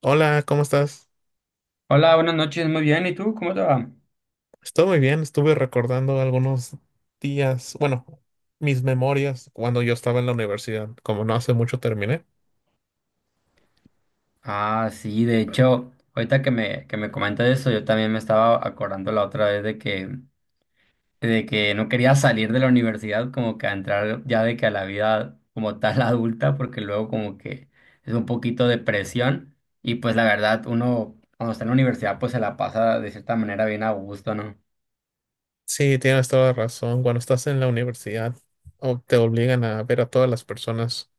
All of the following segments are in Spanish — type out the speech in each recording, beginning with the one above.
Hola, ¿cómo estás? Hola, buenas noches, muy bien. ¿Y tú? ¿Cómo te va? Estoy muy bien, estuve recordando algunos días, bueno, mis memorias cuando yo estaba en la universidad, como no hace mucho terminé. Ah, sí, de hecho, ahorita que me comentas eso, yo también me estaba acordando la otra vez de que no quería salir de la universidad, como que a entrar ya de que a la vida como tal adulta, porque luego como que es un poquito de presión y pues la verdad uno cuando está en la universidad pues se la pasa de cierta manera bien a gusto, ¿no? Sí, tienes toda la razón, cuando estás en la universidad o te obligan a ver a todas las personas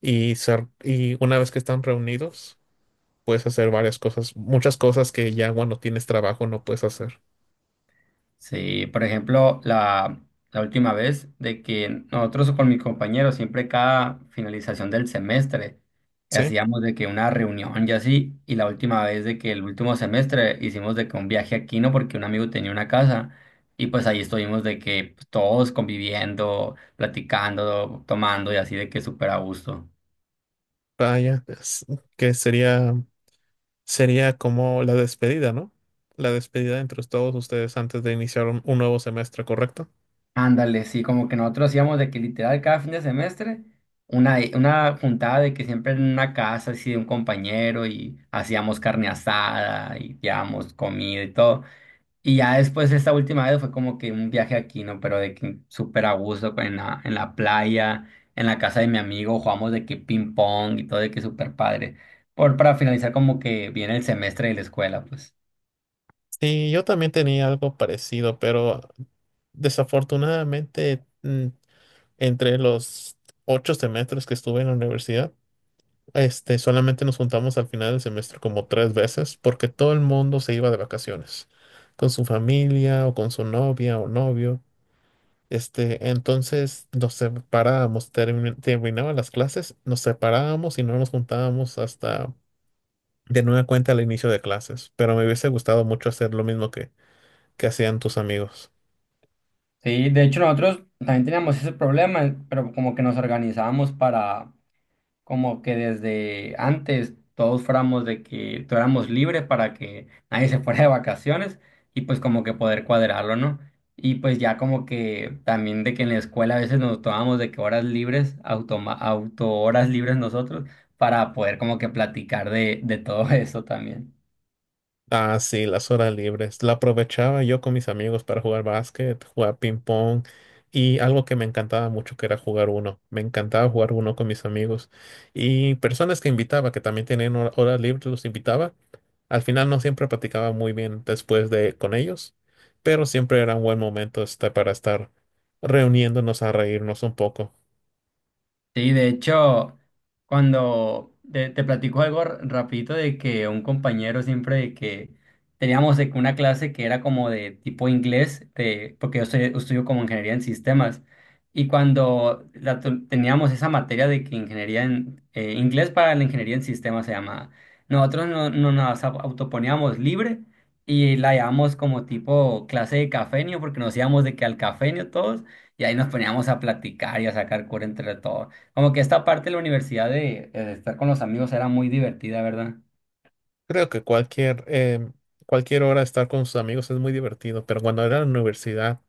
y, y una vez que están reunidos, puedes hacer varias cosas, muchas cosas que ya cuando tienes trabajo no puedes hacer. Sí, por ejemplo, la última vez de que nosotros con mis compañeros, siempre cada finalización del semestre, Sí, hacíamos de que una reunión y así, y la última vez de que el último semestre hicimos de que un viaje a Quino porque un amigo tenía una casa, y pues ahí estuvimos de que pues, todos conviviendo, platicando, tomando y así de que súper a gusto. vaya, que sería, sería como la despedida, ¿no? La despedida entre todos ustedes antes de iniciar un nuevo semestre, ¿correcto? Ándale, sí, como que nosotros hacíamos de que literal cada fin de semestre una juntada de que siempre en una casa así de un compañero y hacíamos carne asada y llevábamos comida y todo. Y ya después esta última vez fue como que un viaje aquí, ¿no? Pero de que súper a gusto en la playa, en la casa de mi amigo, jugamos de que ping pong y todo de que súper padre. Para finalizar como que viene el semestre de la escuela, pues. Sí, yo también tenía algo parecido, pero desafortunadamente entre los 8 semestres que estuve en la universidad, este, solamente nos juntamos al final del semestre como 3 veces porque todo el mundo se iba de vacaciones con su familia o con su novia o novio. Este, entonces nos separábamos, terminaban las clases, nos separábamos y no nos juntábamos hasta de nueva cuenta al inicio de clases. Pero me hubiese gustado mucho hacer lo mismo que hacían tus amigos. Sí, de hecho nosotros también teníamos ese problema, pero como que nos organizábamos para como que desde antes todos fuéramos de que tuviéramos libre para que nadie se fuera de vacaciones y pues como que poder cuadrarlo, ¿no? Y pues ya como que también de que en la escuela a veces nos tomábamos de que horas libres, auto horas libres nosotros, para poder como que platicar de todo eso también. Ah, sí, las horas libres. La aprovechaba yo con mis amigos para jugar básquet, jugar ping pong y algo que me encantaba mucho que era jugar uno. Me encantaba jugar uno con mis amigos y personas que invitaba, que también tenían horas libres, los invitaba. Al final no siempre platicaba muy bien después de con ellos, pero siempre era un buen momento, este, para estar reuniéndonos a reírnos un poco. Sí, de hecho, cuando te platico algo rapidito de que un compañero siempre de que teníamos de que una clase que era como de tipo inglés, de, porque yo estudio como ingeniería en sistemas, y cuando la teníamos esa materia de que ingeniería en inglés para la ingeniería en sistemas se llamaba, nosotros no autoponíamos libre y la llamamos como tipo clase de cafenio, porque nos íbamos de que al cafenio todos. Y ahí nos poníamos a platicar y a sacar cura entre todos. Como que esta parte de la universidad de estar con los amigos era muy divertida, ¿verdad? Creo que cualquier, cualquier hora estar con sus amigos es muy divertido, pero cuando era en la universidad,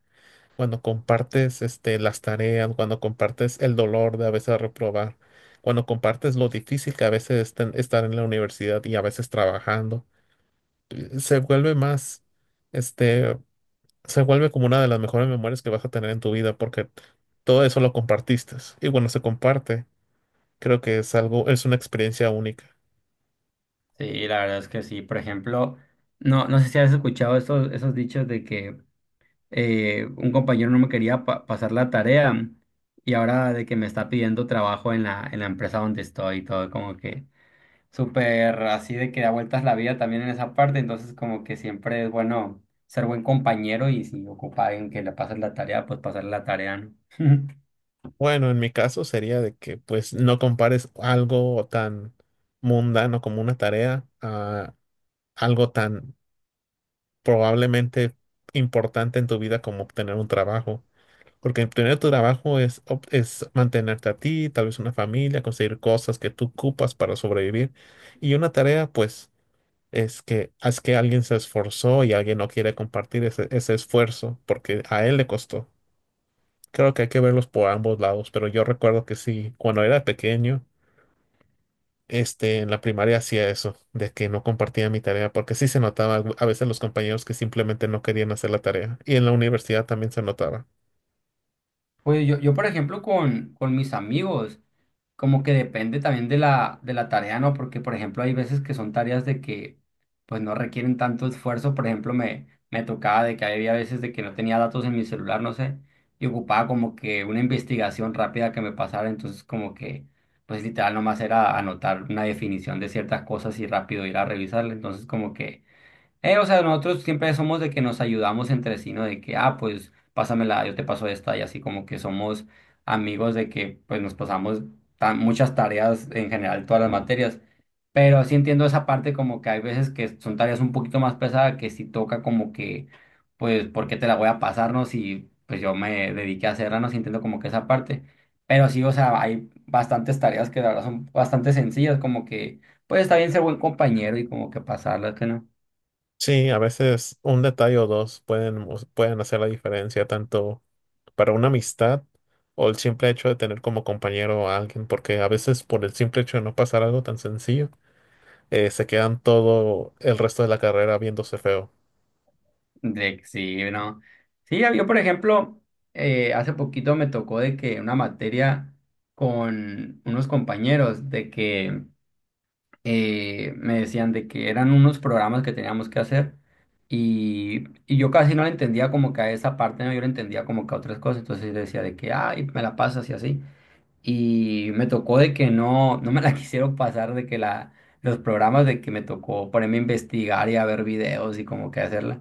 cuando compartes, este, las tareas, cuando compartes el dolor de a veces reprobar, cuando compartes lo difícil que a veces es estar en la universidad y a veces trabajando, se vuelve más, este, se vuelve como una de las mejores memorias que vas a tener en tu vida porque todo eso lo compartiste. Y bueno, se comparte, creo que es algo, es una experiencia única. Sí, la verdad es que sí. Por ejemplo, no sé si has escuchado esos dichos de que un compañero no me quería pasar la tarea y ahora de que me está pidiendo trabajo en la empresa donde estoy y todo, como que súper así de que da vueltas la vida también en esa parte. Entonces, como que siempre es bueno ser buen compañero y si ocupa a alguien que le pasen la tarea, pues pasarle la tarea, ¿no? Bueno, en mi caso sería de que pues no compares algo tan mundano como una tarea a algo tan probablemente importante en tu vida como obtener un trabajo. Porque obtener tu trabajo es, es mantenerte a ti, tal vez una familia, conseguir cosas que tú ocupas para sobrevivir. Y una tarea, pues, es que alguien se esforzó y alguien no quiere compartir ese, ese esfuerzo porque a él le costó. Creo que hay que verlos por ambos lados, pero yo recuerdo que sí, cuando era pequeño. Este, en la primaria hacía eso, de que no compartía mi tarea, porque sí se notaba a veces los compañeros que simplemente no querían hacer la tarea. Y en la universidad también se notaba. Pues yo, por ejemplo, con mis amigos, como que depende también de de la tarea, ¿no? Porque, por ejemplo, hay veces que son tareas de que, pues, no requieren tanto esfuerzo. Por ejemplo, me tocaba de que había veces de que no tenía datos en mi celular, no sé, y ocupaba como que una investigación rápida que me pasara. Entonces, como que, pues, literal, nomás era anotar una definición de ciertas cosas y rápido ir a revisarla. Entonces, como que o sea, nosotros siempre somos de que nos ayudamos entre sí, ¿no? De que, ah, pues pásamela, yo te paso esta, y así como que somos amigos de que pues nos pasamos tan, muchas tareas en general, todas las materias. Pero sí entiendo esa parte como que hay veces que son tareas un poquito más pesadas que sí toca como que, pues, ¿por qué te la voy a pasarnos? Y pues yo me dediqué a hacerla, no sí entiendo como que esa parte. Pero sí, o sea, hay bastantes tareas que la verdad son bastante sencillas, como que, pues está bien ser buen compañero y como que pasarlas, que no. Sí, a veces un detalle o dos pueden hacer la diferencia tanto para una amistad o el simple hecho de tener como compañero a alguien, porque a veces por el simple hecho de no pasar algo tan sencillo, se quedan todo el resto de la carrera viéndose feo. De, sí, no. Sí, por ejemplo, hace poquito me tocó de que una materia con unos compañeros de que me decían de que eran unos programas que teníamos que hacer y yo casi no la entendía como que a esa parte, ¿no? Yo la entendía como que a otras cosas, entonces yo decía de que, ay, me la pasas y así. Y me tocó de que no me la quisieron pasar, de que la, los programas de que me tocó ponerme a investigar y a ver videos y como que hacerla.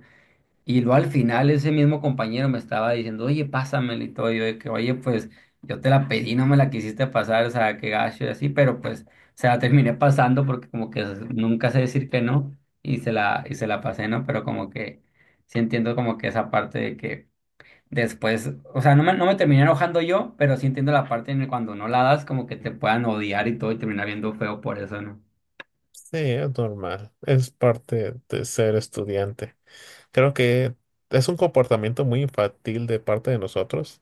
Y luego al final ese mismo compañero me estaba diciendo, oye, pásamela y todo, y yo de que, oye, pues yo te la pedí, no me la quisiste pasar, o sea, qué gacho y así, pero pues se la terminé pasando porque como que nunca sé decir que no y se la, y se la pasé, ¿no? Pero como que sí entiendo como que esa parte de que después, o sea, no no me terminé enojando yo, pero sí entiendo la parte en el cuando no la das como que te puedan odiar y todo y terminar viendo feo por eso, ¿no? Sí, es normal, es parte de ser estudiante. Creo que es un comportamiento muy infantil de parte de nosotros,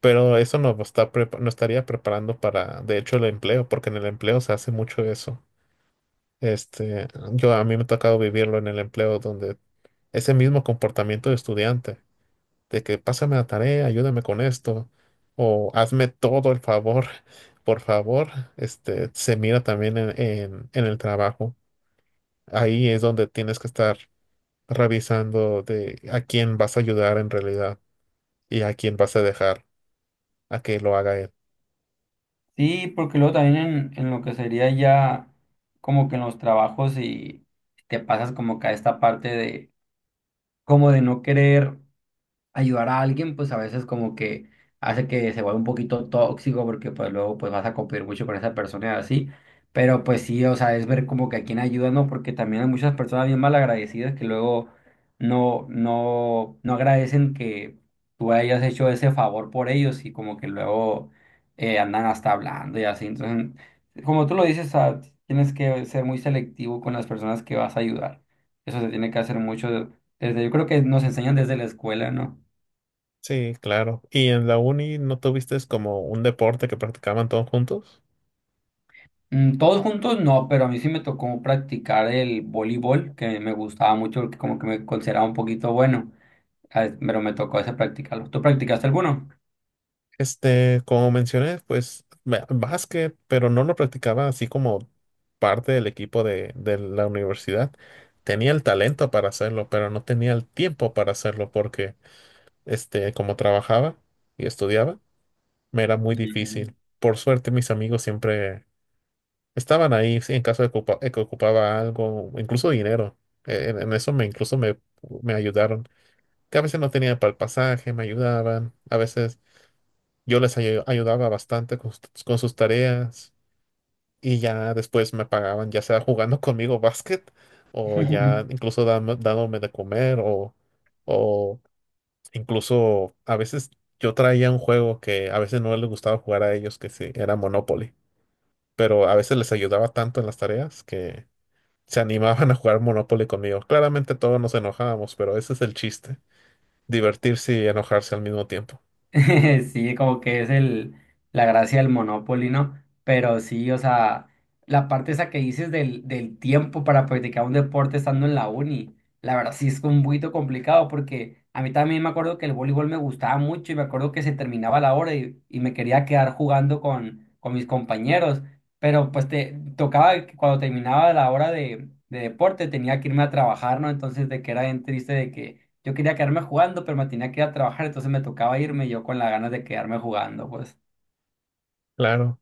pero eso nos está nos estaría preparando para, de hecho, el empleo, porque en el empleo se hace mucho eso. Este, yo a mí me ha tocado vivirlo en el empleo donde ese mismo comportamiento de estudiante, de que pásame la tarea, ayúdame con esto, o hazme todo el favor, por favor, este, se mira también en el trabajo. Ahí es donde tienes que estar revisando de a quién vas a ayudar en realidad. ¿Y a quién vas a dejar a que lo haga él? Sí, porque luego también en lo que sería ya como que en los trabajos y te pasas como que a esta parte de como de no querer ayudar a alguien, pues a veces como que hace que se vuelva un poquito tóxico porque pues luego pues vas a competir mucho con esa persona y así. Pero pues sí, o sea, es ver como que a quién ayuda, ¿no? Porque también hay muchas personas bien malagradecidas que luego no agradecen que tú hayas hecho ese favor por ellos y como que luego andan hasta hablando y así. Entonces, como tú lo dices, o sea, tienes que ser muy selectivo con las personas que vas a ayudar. Eso se tiene que hacer mucho desde, yo creo que nos enseñan desde la escuela, ¿no? Sí, claro. ¿Y en la uni no tuviste como un deporte que practicaban todos juntos? Todos juntos no, pero a mí sí me tocó practicar el voleibol, que me gustaba mucho, porque como que me consideraba un poquito bueno, ah, pero me tocó ese practicarlo. ¿Tú practicaste alguno? Este, como mencioné, pues básquet, pero no lo practicaba así como parte del equipo de la universidad. Tenía el talento para hacerlo, pero no tenía el tiempo para hacerlo porque, este, como trabajaba y estudiaba, me era muy Ujú. difícil. Por suerte, mis amigos siempre estaban ahí, sí, en caso de, de que ocupaba algo, incluso dinero. En eso me me ayudaron. Que a veces no tenía para el pasaje, me ayudaban. A veces yo ayudaba bastante sus con sus tareas. Y ya después me pagaban, ya sea jugando conmigo básquet, o ya incluso dándome de comer, o incluso a veces yo traía un juego que a veces no les gustaba jugar a ellos, que sí, era Monopoly. Pero a veces les ayudaba tanto en las tareas que se animaban a jugar Monopoly conmigo. Claramente todos nos enojábamos, pero ese es el chiste, divertirse y enojarse al mismo tiempo. Sí, como que es el, la gracia del Monopoly, ¿no? Pero sí, o sea, la parte esa que dices del tiempo para practicar un deporte estando en la uni, la verdad sí es un poquito complicado porque a mí también me acuerdo que el voleibol me gustaba mucho y me acuerdo que se terminaba la hora y me quería quedar jugando con mis compañeros, pero pues te tocaba que cuando terminaba la hora de deporte tenía que irme a trabajar, ¿no? Entonces de que era bien triste de que yo quería quedarme jugando, pero me tenía que ir a trabajar, entonces me tocaba irme y yo con las ganas de quedarme jugando, pues. Claro.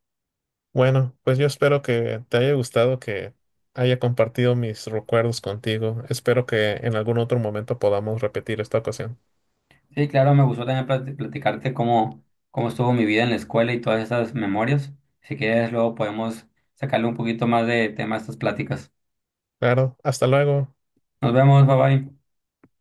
Bueno, pues yo espero que te haya gustado, que haya compartido mis recuerdos contigo. Espero que en algún otro momento podamos repetir esta ocasión. Sí, claro, me gustó también platicarte cómo, cómo estuvo mi vida en la escuela y todas esas memorias. Si quieres, luego podemos sacarle un poquito más de tema a estas pláticas. Claro, hasta luego. Nos vemos, bye bye.